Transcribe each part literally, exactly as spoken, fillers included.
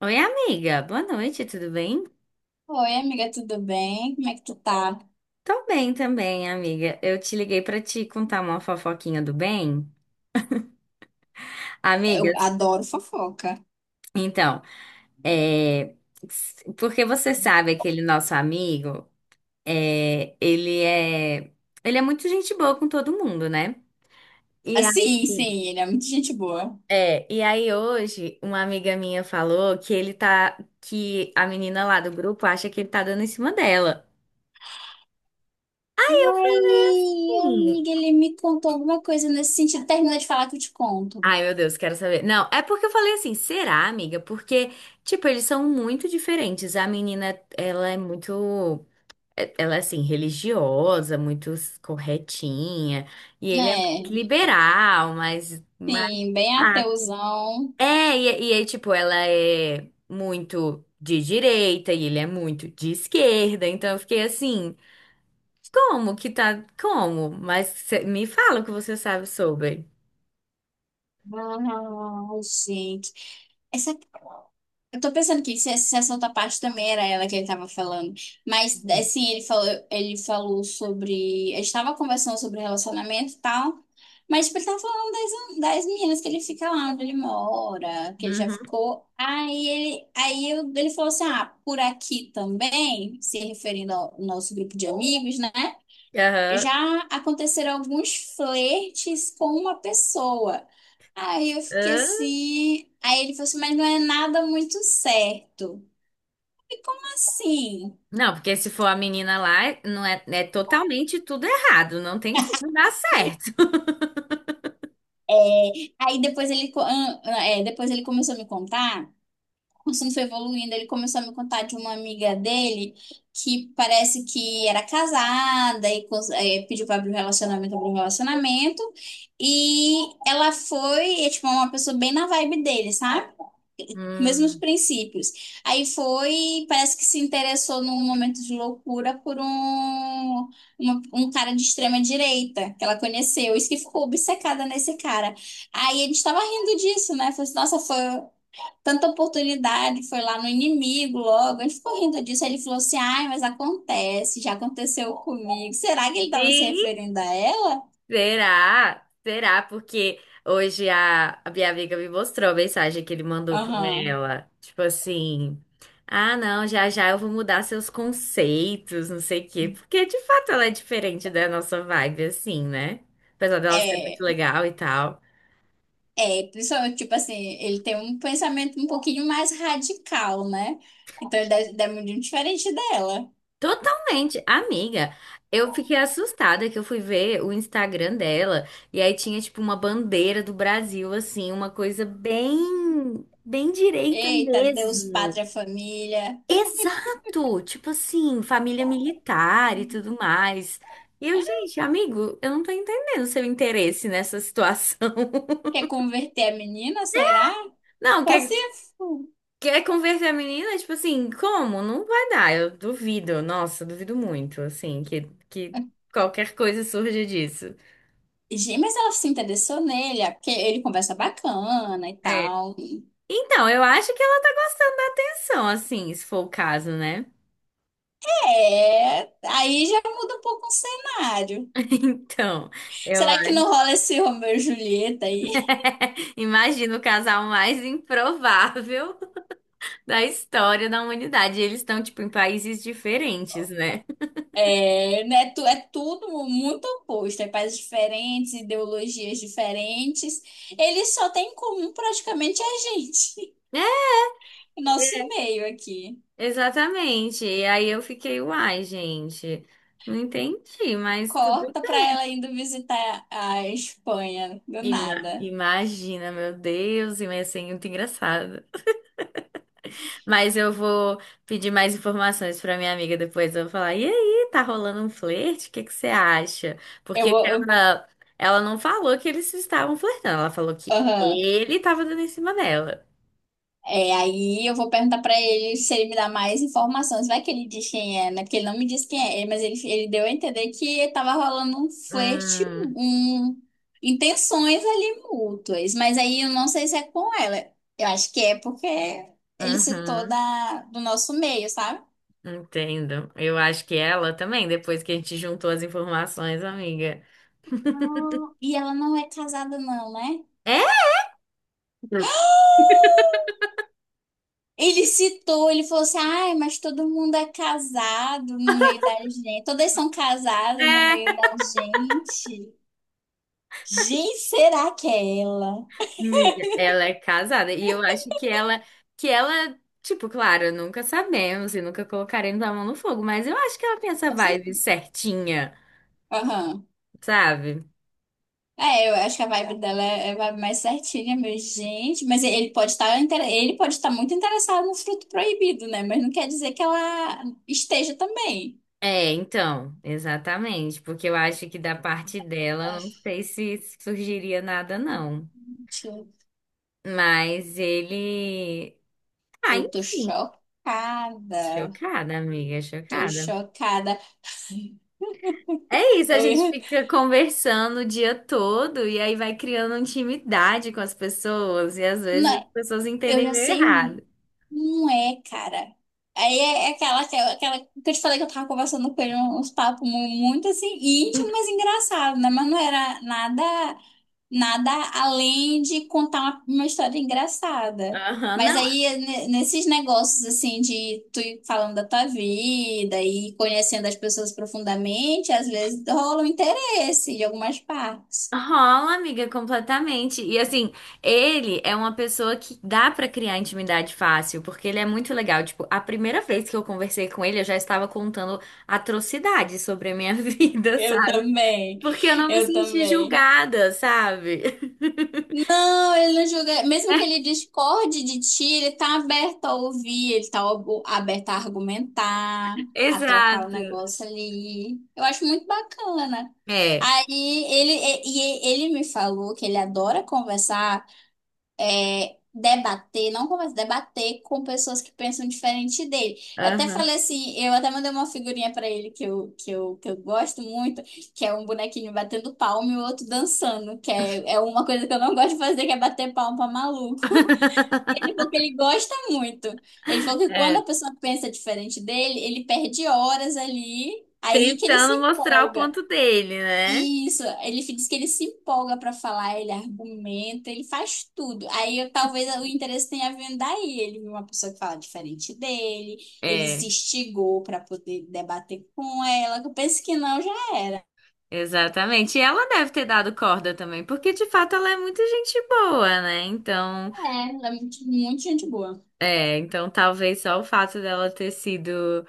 Oi, amiga. Boa noite, tudo bem? Oi, amiga, tudo bem? Como é que tu tá? Tô bem também, amiga. Eu te liguei pra te contar uma fofoquinha do bem. Eu Amigas, adoro fofoca. então, é... s- porque você sabe aquele nosso amigo, é... ele é... ele é muito gente boa com todo mundo, né? E Ah, aí, sim, sim, ele é muito gente boa. é, e aí hoje uma amiga minha falou que ele tá, que a menina lá do grupo acha que ele tá dando em cima dela. Ai, amiga, ele me contou alguma coisa nesse sentido. Termina de falar que eu te conto. Ai, meu Deus, quero saber. Não, é porque eu falei assim, será, amiga? Porque, tipo, eles são muito diferentes. A menina, ela é muito. é- Ela é assim, religiosa, muito corretinha. E ele é Né? muito É, liberal, mas. mas sim, bem ah. ateuzão. É, e, e aí, tipo, ela é muito de direita e ele é muito de esquerda. Então eu fiquei assim, como que tá. Como? Mas cê- me fala o que você sabe sobre. Ai, gente. Essa... Eu tô pensando que se se essa outra parte também era ela que ele tava falando. Mas, assim, ele falou, ele falou sobre... A gente tava conversando sobre relacionamento e tal. Mas, tipo, ele tava falando das meninas que ele fica lá onde ele mora, que ele já Uhum. ficou. Aí ele, aí eu- ele falou assim: ah, por aqui também, se referindo ao nosso grupo de amigos, né? Aham. Já aconteceram alguns flertes com uma pessoa. Aí eu fiquei assim. Aí ele falou assim: mas não é nada muito certo. E como assim? Não, porque se for a menina lá, não é, é totalmente tudo errado, não tem como dar certo. É, aí depois ele, co- ah, ah, é, depois ele começou a me contar. O assunto foi evoluindo, ele começou a me contar de uma amiga dele que parece que era casada e cons- eh, pediu para abrir um relacionamento, abriu um relacionamento. E ela foi, é, tipo, uma pessoa bem na vibe dele, sabe? Mesmos Hum. princípios. Aí foi, parece que se interessou num momento de loucura por um, uma- um cara de extrema direita que ela conheceu. Isso que ficou obcecada nesse cara. Aí a gente tava rindo disso, né? Falei assim, nossa, foi tanta oportunidade, foi lá no inimigo logo. Ele ficou rindo disso. Aí ele falou assim: ai, mas acontece, já aconteceu comigo. Será que ele estava se Sim, referindo a ela? será? Será? Porque hoje a, a minha amiga me mostrou a mensagem que ele mandou pra Aham. ela. Tipo assim, ah, não, já já eu vou mudar seus conceitos, não sei o quê. Porque de fato ela é diferente da nossa vibe, assim, né? Apesar dela ser muito É, legal e tal. é, principalmente, tipo assim, ele tem um pensamento um pouquinho mais radical, né? Então ele deve, deve muito diferente dela. Totalmente, amiga. Eu fiquei assustada que eu fui ver o Instagram dela e aí tinha tipo uma bandeira do Brasil assim, uma coisa bem bem direita Eita, Deus, mesmo. pátria, família. Exato, tipo assim, família militar e tudo mais. E eu, gente, amigo, eu não tô entendendo seu interesse nessa situação. Quer converter a menina, será? Não, Só quer se... quer converter a menina, tipo assim, como? Não vai dar, eu duvido. Nossa, duvido muito, assim, que que qualquer coisa surja disso. Gente, mas ela se interessou nele, é porque ele conversa bacana e É. tal. Então, eu acho que ela tá gostando da atenção, assim, se for o caso, né? É, aí já muda um pouco o cenário. Então, eu Será que não rola esse Romeu e Julieta aí? imagino o casal mais improvável da história da humanidade. Eles estão, tipo, em países diferentes, né? É, né, tu, é tudo muito oposto, é pais diferentes, ideologias diferentes. Eles só têm em comum praticamente a gente, É, nosso meio aqui. exatamente. E aí eu fiquei, uai, gente, não entendi, mas tudo Corta bem. pra ela indo visitar a Espanha, do Ima- nada. Imagina, meu Deus, ia ser muito engraçado. Mas eu vou pedir mais informações pra minha amiga depois. Eu vou falar: e aí, tá rolando um flerte? O que que você acha? Eu Porque vou. eu- ela, ela não falou que eles estavam flertando, ela falou que aham. ele tava dando em cima dela. É, aí eu vou perguntar pra ele se ele me dá mais informações. Vai que ele diz quem é, né? Porque ele não me disse quem é, mas ele, ele deu a entender que tava rolando um flerte, Hum, um, intenções ali mútuas. Mas aí eu não sei se é com ela. Eu acho que é porque ele citou uhum, da, do nosso meio, sabe? entendo. Eu acho que ela também, depois que a gente juntou as informações, amiga. Não, e ela não é casada, não, né? É? Ele citou, ele falou assim, ai, mas todo mundo é casado no meio da gente. Todas são casadas no É, meio da gente. Gente, será que é ela? amiga, ela é casada e eu acho que ela, que ela, tipo, claro, nunca sabemos e nunca colocaremos a mão no fogo, mas eu acho que ela tem essa Você? vibe certinha, Aham. sabe? É, eu acho que a vibe dela é, é vibe mais certinha, meu gente. Mas ele pode estar, inter- ele pode estar muito interessado no fruto proibido, né? Mas não quer dizer que ela esteja também. É, então, exatamente, porque eu acho que da parte dela, Ah, não sei se surgiria nada, não. gente, eu Mas ele. Ah, eu tô enfim, chocada. chocada, amiga, Tô chocada. chocada. É isso, a gente Eu, fica conversando o dia todo e aí vai criando intimidade com as pessoas e às vezes as não, pessoas eu entendem já meio sei. errado. Não é, cara. Aí é é aquela, aquela, aquela que eu te falei que eu tava conversando com ele uns papos mu- muito assim, íntimo, mas engraçado, né? Mas não era nada, nada além de contar uma, uma história engraçada. Aham, Mas não, aí, ne- nesses negócios assim de tu ir falando da tua vida e conhecendo as pessoas profundamente, às vezes rola um interesse de algumas partes. rola, amiga, completamente. E assim, ele é uma pessoa que dá pra criar intimidade fácil, porque ele é muito legal. Tipo, a primeira vez que eu conversei com ele, eu já estava contando atrocidades sobre a minha vida, Eu sabe? também, Porque eu não me eu senti também. julgada, sabe? Não, ele não julga. Mesmo que ele discorde de ti, ele tá aberto a ouvir, ele tá ob- aberto a argumentar, a trocar o Exato. negócio ali. Eu acho muito bacana. É. Aí ele, e- e ele me falou que ele adora conversar é, debater, não conversa, debater com pessoas que pensam diferente dele. Eu até Aham. falei assim, eu até mandei uma figurinha pra ele que eu, que eu, que eu gosto muito, que é um bonequinho batendo palma e o outro dançando, que é, é uma coisa que eu não gosto de fazer, que é bater palma pra maluco. E ele falou que ele gosta muito. Ele falou que quando É, a pessoa pensa diferente dele, ele perde horas ali, aí que ele se tentando mostrar o empolga. ponto dele, né? Isso, ele diz que ele se empolga para falar, ele argumenta, ele faz tudo. Aí eu- talvez o interesse tenha vindo daí. Ele viu uma pessoa que fala diferente dele, ele se É, instigou para poder debater com ela. Que Eu penso que não, já era. exatamente. E ela deve ter dado corda também, porque de fato ela é muito gente boa, né? Então, É, ela é muito, muito gente boa. é, então talvez só o fato dela ter sido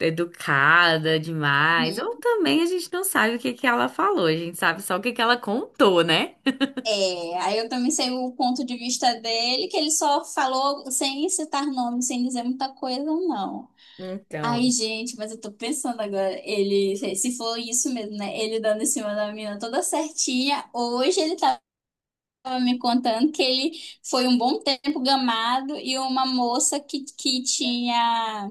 educada demais, ou Uhum. também a gente não sabe o que que ela falou, a gente sabe só o que que ela contou, né? É, aí eu também sei o ponto de vista dele, que ele só falou sem citar nome, sem dizer muita coisa, não. Ai, Então, gente, mas eu tô pensando agora, ele, se for isso mesmo, né? Ele dando em cima da menina toda certinha. Hoje ele tava me contando que ele foi um bom tempo gamado e uma moça que, que tinha,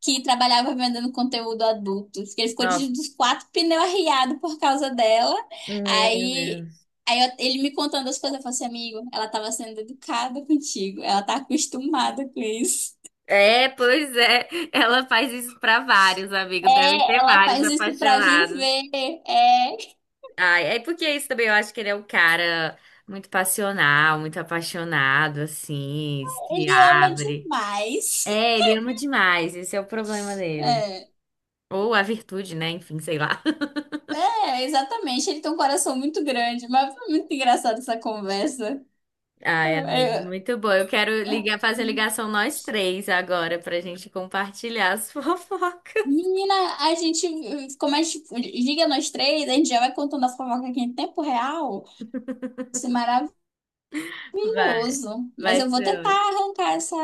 que trabalhava vendendo conteúdo adulto. Que Ele ficou nossa, de, dos quatro pneus arriado por causa dela. meu Aí, Deus. aí eu- ele me contando as coisas, eu falei assim, amigo, ela tava sendo educada contigo, ela tá acostumada com isso. É, pois é, ela faz isso pra vários amigos, devem É, ter ela vários faz isso pra apaixonados. viver. É, Ai, é porque isso também eu acho que ele é um cara muito passional, muito apaixonado, assim, se ele ama abre. demais. É, ele ama demais, esse é o problema dele. É, Ou a virtude, né? Enfim, sei lá. é, exatamente. Ele tem um coração muito grande, mas foi muito engraçada essa conversa. Ai, É, amiga, é. muito bom. Eu quero ligar, fazer ligação nós três agora pra gente compartilhar as fofocas. Menina, a gente, como a gente liga nós três, a gente já vai contando a fofoca aqui em tempo real. Isso é maravilhoso. Vai, Mas vai eu vou ser tentar ótimo. arrancar essa.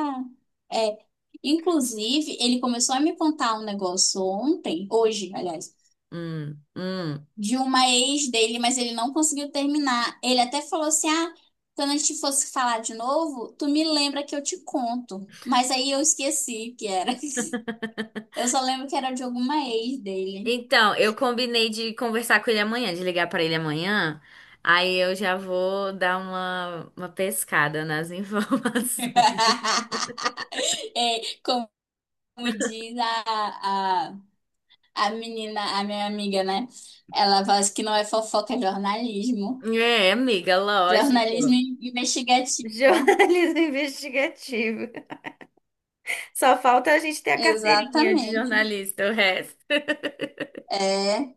É, inclusive, ele começou a me contar um negócio ontem, hoje, aliás. Hum, hum. De uma ex dele, mas ele não conseguiu terminar. Ele até falou assim: ah, quando a gente fosse falar de novo, tu me lembra que eu te conto. Mas aí eu esqueci que era. Eu só lembro que era de alguma ex dele. Então, eu combinei de conversar com ele amanhã, de ligar pra ele amanhã. Aí eu já vou dar uma, uma pescada nas informações. É, como diz a, a, a menina, a minha amiga, né? Ela fala assim que não é fofoca, é jornalismo. É, amiga, Jornalismo lógico. investigativo. Jornalismo investigativo. Só falta a gente ter a carteirinha de Exatamente. jornalista, o resto. É.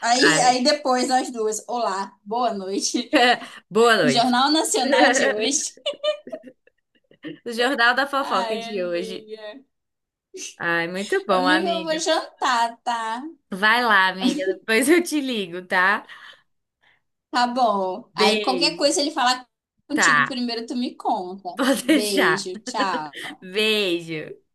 Aí, Ai. aí depois nós duas. Olá, boa noite. Boa noite. Jornal Nacional de hoje. O Jornal da Fofoca Ai, de hoje. amiga. Ai, muito bom, Amiga, eu vou amiga. jantar, tá? Vai lá, amiga. Depois eu te ligo, tá? Tá bom. Aí qualquer Beijo. coisa ele falar contigo Tá, primeiro, tu me conta. pode deixar. Beijo, tchau. Beijo.